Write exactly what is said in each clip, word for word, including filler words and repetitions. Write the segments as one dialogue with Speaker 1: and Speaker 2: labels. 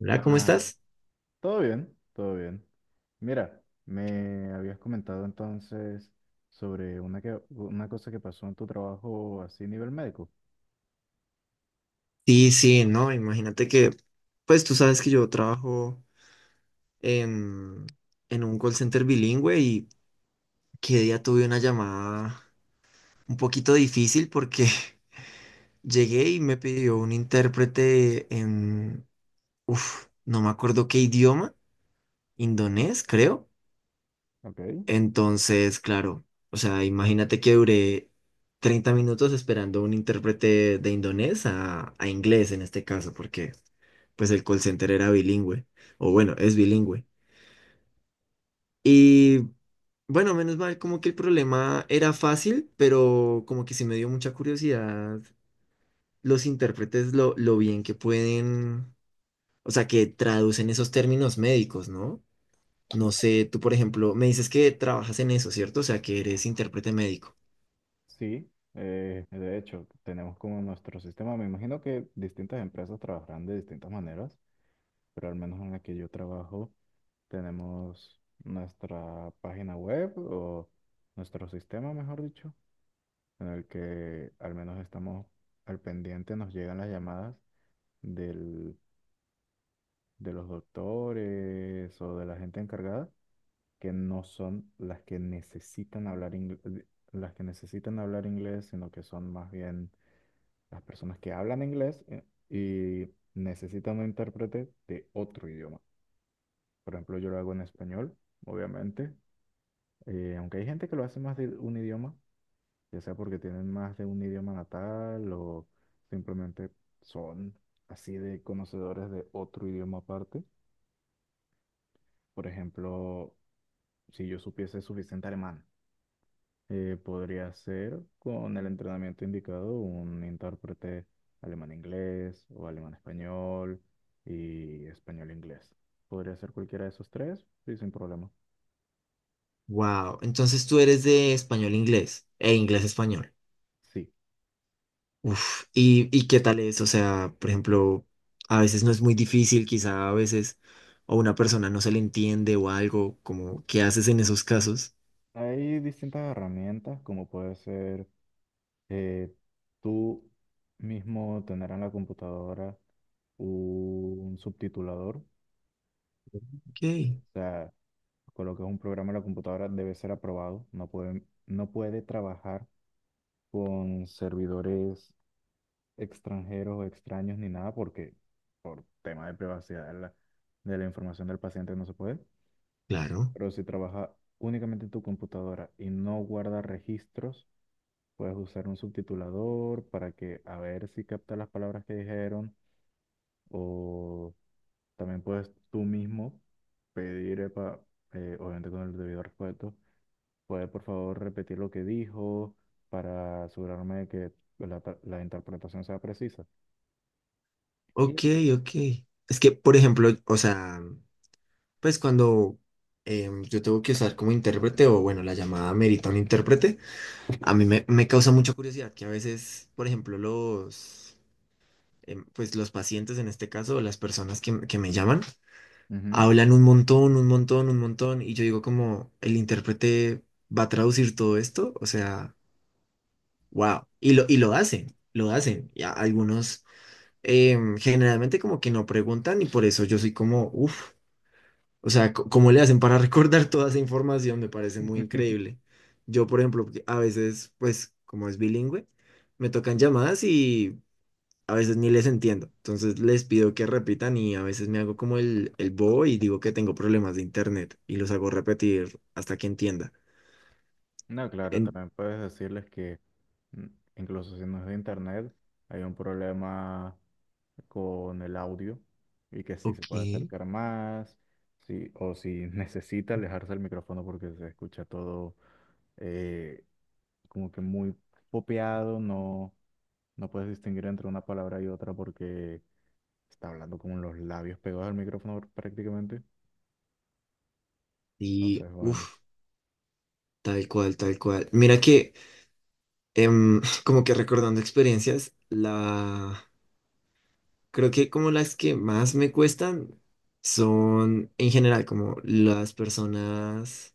Speaker 1: Hola, ¿cómo
Speaker 2: Ah,
Speaker 1: estás?
Speaker 2: todo bien, todo bien. Mira, me habías comentado entonces sobre una, que- una cosa que pasó en tu trabajo así a nivel médico.
Speaker 1: Sí, sí, no, imagínate que, pues tú sabes que yo trabajo en, en un call center bilingüe y que día tuve una llamada un poquito difícil porque llegué y me pidió un intérprete en, uff, no me acuerdo qué idioma, indonés, creo.
Speaker 2: Ok.
Speaker 1: Entonces, claro, o sea, imagínate que duré treinta minutos esperando un intérprete de indonés a, a inglés en este caso, porque pues el call center era bilingüe, o bueno, es bilingüe. Y bueno, menos mal, como que el problema era fácil, pero como que sí me dio mucha curiosidad los intérpretes, lo, lo bien que pueden, o sea, que traducen esos términos médicos, ¿no? No sé, tú por ejemplo, me dices que trabajas en eso, ¿cierto? O sea, que eres intérprete médico.
Speaker 2: Sí, eh, de hecho, tenemos como nuestro sistema, me imagino que distintas empresas trabajarán de distintas maneras, pero al menos en la que yo trabajo tenemos nuestra página web o nuestro sistema, mejor dicho, en el que al menos estamos al pendiente, nos llegan las llamadas del- de los doctores o de la gente encargada que no son las que necesitan hablar inglés, las que necesitan hablar inglés, sino que son más bien las personas que hablan inglés eh, y necesitan un intérprete de otro idioma. Por ejemplo, yo lo hago en español, obviamente, eh, aunque hay gente que lo hace más de un idioma, ya sea porque tienen más de un idioma natal o simplemente son así de conocedores de otro idioma aparte. Por ejemplo, si yo supiese suficiente alemán, eh, podría ser con el entrenamiento indicado un intérprete alemán-inglés o alemán-español y español-inglés. Podría ser cualquiera de esos tres y sin problema.
Speaker 1: Wow, entonces tú eres de español-inglés e inglés-español.
Speaker 2: Sí,
Speaker 1: Uf, ¿y, y qué tal es? O sea, por ejemplo, a veces no es muy difícil, quizá a veces, o una persona no se le entiende o algo, como, ¿qué haces en esos casos?
Speaker 2: hay distintas herramientas como puede ser eh, tú mismo tener en la computadora un subtitulador. O
Speaker 1: Ok,
Speaker 2: sea, coloques un programa en la computadora, debe ser aprobado. No puede, no puede trabajar con servidores extranjeros o extraños ni nada porque por tema de privacidad de la, de la información del paciente no se puede.
Speaker 1: claro.
Speaker 2: Pero si trabaja únicamente en tu computadora y no guarda registros, puedes usar un subtitulador para que a ver si capta las palabras que dijeron o también puedes tú mismo pedir, epa, eh, obviamente con el debido respeto, ¿puede por favor repetir lo que dijo para asegurarme de que la, tra- la interpretación sea precisa? Y
Speaker 1: Ok,
Speaker 2: así.
Speaker 1: ok. Es que, por ejemplo, o sea, pues cuando em, yo tengo que usar como intérprete, o bueno, la llamada merita un intérprete, a mí me, me causa mucha curiosidad que a veces, por ejemplo, los... em, pues los pacientes en este caso, o las personas que, que me llaman,
Speaker 2: Ujú.
Speaker 1: hablan un montón, un montón, un montón, y yo digo como, el intérprete va a traducir todo esto, o sea, wow, y lo, y lo hacen, lo hacen, y a- algunos em, generalmente como que no preguntan y por eso yo soy como, uff, o sea, co- ¿cómo le hacen para recordar toda esa información? Me parece muy increíble. Yo, por ejemplo, porque a veces, pues, como es bilingüe, me tocan llamadas y a veces ni les entiendo. Entonces les pido que repitan y a veces me hago como el, el bobo y digo que tengo problemas de internet y los hago repetir hasta que entienda.
Speaker 2: No, claro,
Speaker 1: En,
Speaker 2: también puedes decirles que mm, incluso si no es de internet, hay un problema con el audio y que si se
Speaker 1: ok,
Speaker 2: puede acercar más, si, o si necesita alejarse el micrófono porque se escucha todo eh, como que muy popeado, no, no puedes distinguir entre una palabra y otra porque está hablando con los labios pegados al micrófono prácticamente.
Speaker 1: y
Speaker 2: Entonces, bueno,
Speaker 1: uff, tal cual, tal cual. Mira que em, como que recordando experiencias, la creo que como las que más me cuestan son en general como las personas,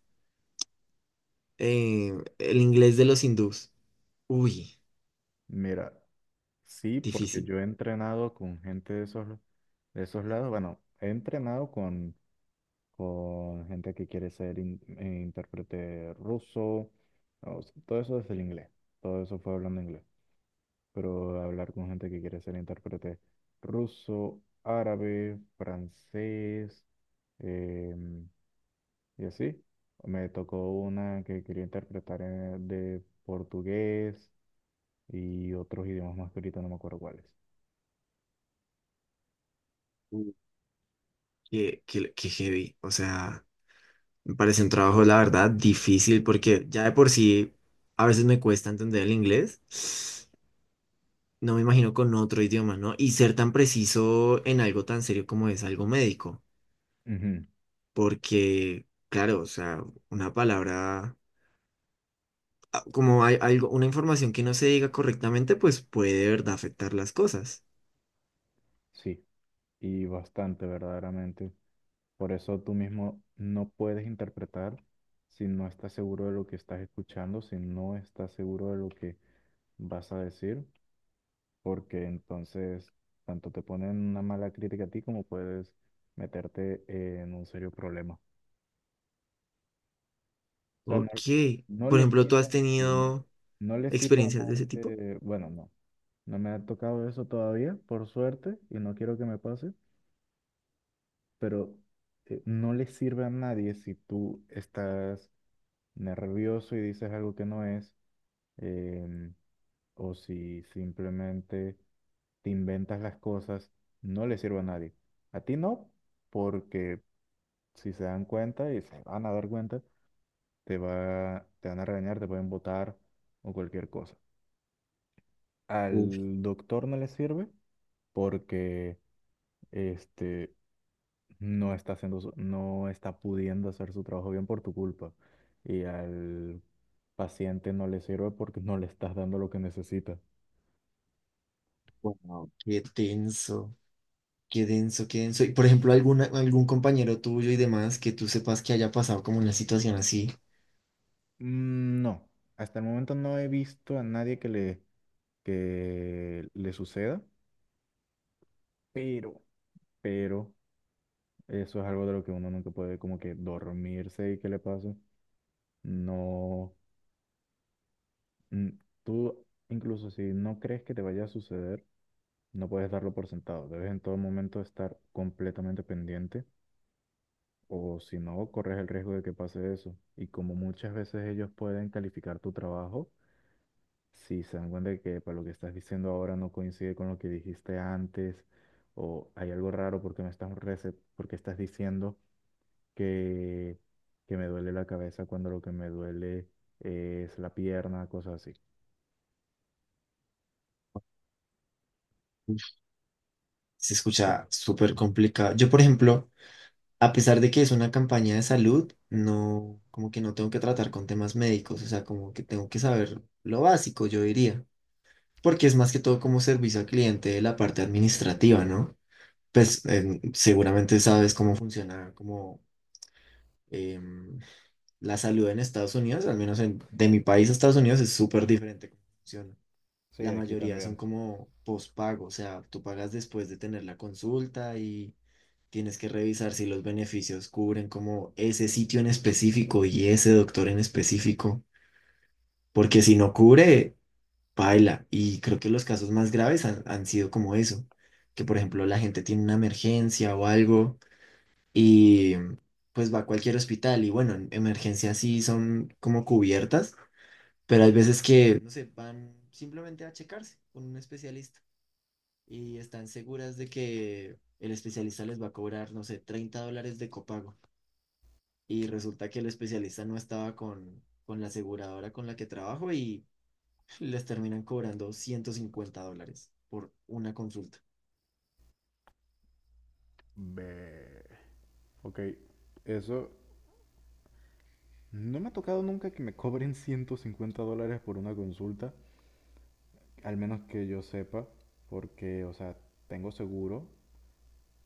Speaker 1: eh, el inglés de los hindús. Uy,
Speaker 2: mira, sí, porque
Speaker 1: difícil.
Speaker 2: yo he entrenado con gente de esos, de esos lados. Bueno, he entrenado con, con gente que quiere ser in- eh, intérprete ruso. O sea, todo eso es el inglés. Todo eso fue hablando inglés. Pero hablar con gente que quiere ser intérprete ruso, árabe, francés, em, y así, me tocó una que quería interpretar en- de portugués y otros idiomas más que ahorita no me acuerdo cuáles.
Speaker 1: Uy, qué, qué, qué heavy. O sea, me parece un trabajo, la verdad, difícil porque ya de por sí a veces me cuesta entender el inglés. No me imagino con otro idioma, ¿no? Y ser tan preciso en algo tan serio como es algo médico.
Speaker 2: Ujú.
Speaker 1: Porque, claro, o sea, una palabra, ah, como hay algo, una información que no se diga correctamente, pues puede de verdad afectar las cosas.
Speaker 2: Sí, y bastante verdaderamente. Por eso tú mismo no puedes interpretar si no estás seguro de lo que estás escuchando, si no estás seguro de lo que vas a decir, porque entonces tanto te ponen una mala crítica a ti como puedes meterte en un serio problema. O sea, no,
Speaker 1: Ok.
Speaker 2: no
Speaker 1: Por
Speaker 2: le
Speaker 1: ejemplo, ¿tú
Speaker 2: sirve
Speaker 1: has
Speaker 2: mal,
Speaker 1: tenido
Speaker 2: no le sirve
Speaker 1: experiencias de ese
Speaker 2: mal
Speaker 1: tipo?
Speaker 2: de, bueno, no, no me ha tocado eso todavía, por suerte, y no quiero que me pase, pero eh, no le sirve a nadie si tú estás nervioso y dices algo que no es, em, o si simplemente te inventas las cosas, no le sirve a nadie. A ti no, porque si se dan cuenta y se van a dar cuenta, te va, te van a regañar, te pueden botar o cualquier cosa.
Speaker 1: Uf,
Speaker 2: Al doctor no le sirve porque este no está haciendo su- no está pudiendo hacer su trabajo bien por tu culpa. Y al paciente no le sirve porque no le estás dando lo que necesita.
Speaker 1: wow, qué tenso. Qué denso, qué denso. Y por ejemplo, alguna, algún compañero tuyo y demás que tú sepas que haya pasado como una situación así,
Speaker 2: Mm, no, hasta el momento no he visto a nadie que le que le suceda, pero pero eso es algo de lo que uno nunca puede como que dormirse y que le pase. No, mm, tú incluso si no crees que te vaya a suceder, no puedes darlo por sentado, debes en todo momento estar completamente pendiente o si no, corres el riesgo de que pase eso. Y como muchas veces ellos pueden calificar tu trabajo, si se dan cuenta de que para lo que estás diciendo ahora no coincide con lo que dijiste antes o hay algo raro porque me estás rece- porque estás diciendo que, que me duele la cabeza cuando lo que me duele es la pierna, cosas así.
Speaker 1: uf, se escucha súper complicado. Yo, por ejemplo, a pesar de que es una campaña de salud, no, como que no tengo que tratar con temas médicos, o sea, como que tengo que saber lo básico, yo diría, porque es más que todo como servicio al cliente de la parte administrativa, ¿no? Pues em, seguramente sabes cómo funciona como em, la salud en Estados Unidos, al menos en- de mi país a Estados Unidos es súper diferente cómo funciona.
Speaker 2: Sí,
Speaker 1: La
Speaker 2: aquí
Speaker 1: mayoría son
Speaker 2: también.
Speaker 1: como postpago, o sea, tú pagas después de tener la consulta y tienes que revisar si los beneficios cubren como ese sitio en específico y ese doctor en específico, porque
Speaker 2: Mm.
Speaker 1: si no cubre, paila. Y creo que los casos más graves han, han sido como eso, que por ejemplo la gente tiene una emergencia o algo y pues va a cualquier hospital y bueno, en- emergencias sí son como cubiertas, pero hay veces que, no sé, van simplemente a checarse con un especialista. Y están seguras de que el especialista les va a cobrar, no sé, treinta dólares de copago. Y resulta que el especialista no estaba con, con la aseguradora con la que trabajo y les terminan cobrando ciento cincuenta dólares por una consulta.
Speaker 2: Ve. Ok, eso no me ha tocado nunca que me cobren ciento cincuenta dólares por una consulta, al menos que yo sepa, porque, o sea, tengo seguro,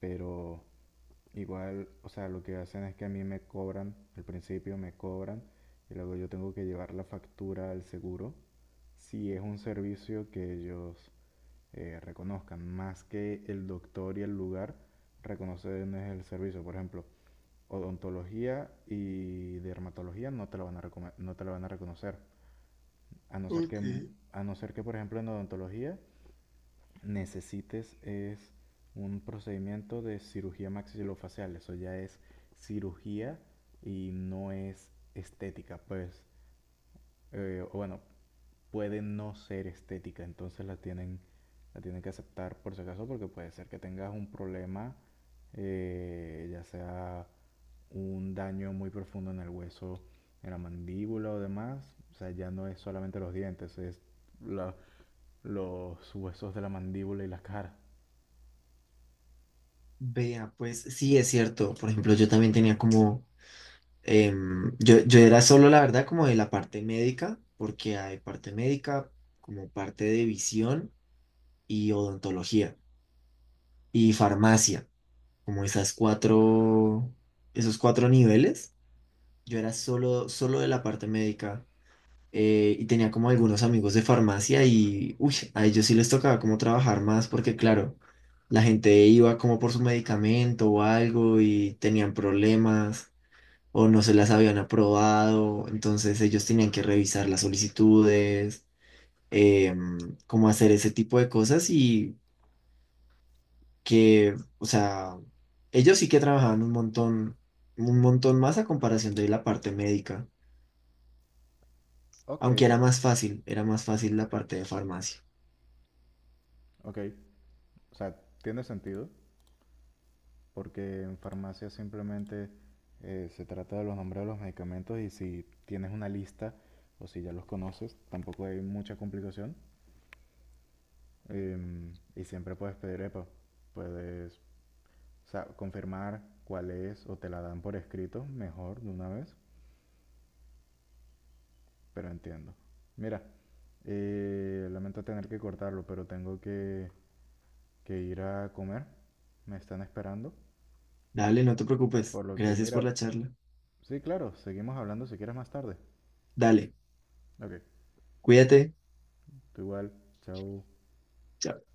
Speaker 2: pero igual, o sea, lo que hacen es que a mí me cobran, al principio me cobran, y luego yo tengo que llevar la factura al seguro, si es un servicio que ellos eh, reconozcan, más que el doctor y el lugar reconocen es el servicio, por ejemplo. Odontología y dermatología no te lo van a, no te lo van a reconocer. A no ser que,
Speaker 1: Ok.
Speaker 2: mm, a no ser que por ejemplo, en odontología necesites es un procedimiento de cirugía maxilofacial. Eso ya es cirugía y no es estética, pues, eh, bueno, puede no ser estética, entonces la tienen, la tienen que aceptar por si acaso porque puede ser que tengas un problema, eh, ya sea un daño muy profundo en el hueso, en la mandíbula o demás, o sea, ya no es solamente los dientes, es la, los huesos de la mandíbula y la cara.
Speaker 1: Vea, pues sí es cierto. Por ejemplo, yo también tenía como, em, yo, yo era solo la verdad como de la parte médica, porque hay parte médica como parte de visión y odontología y farmacia. Como esas cuatro, esos cuatro niveles. Yo era solo, solo de la parte médica eh, y tenía como algunos amigos de farmacia y, uy, a ellos sí les tocaba como trabajar más porque, claro, la gente iba como por su medicamento o algo y tenían problemas o no se las habían aprobado, entonces ellos tenían que revisar las solicitudes, em, como hacer ese tipo de cosas y que, o sea, ellos sí que trabajaban un montón, un montón más a comparación de la parte médica,
Speaker 2: Ok.
Speaker 1: aunque era más fácil, era más fácil la parte de farmacia.
Speaker 2: Ok, o sea, tiene sentido, porque en farmacia simplemente eh, se trata de los nombres de los medicamentos y si tienes una lista o si ya los conoces, tampoco hay mucha complicación. Em, y siempre puedes pedir epa, puedes o sea, confirmar cuál es o te la dan por escrito, mejor de una vez, pero entiendo. Mira, eh, lamento tener que cortarlo, pero tengo que que ir a comer. Me están esperando.
Speaker 1: Dale, no te preocupes.
Speaker 2: Por lo que,
Speaker 1: Gracias por
Speaker 2: mira,
Speaker 1: la charla.
Speaker 2: sí, claro, seguimos hablando si quieres más tarde.
Speaker 1: Dale,
Speaker 2: Ok,
Speaker 1: cuídate.
Speaker 2: tú igual, chao.
Speaker 1: Chao.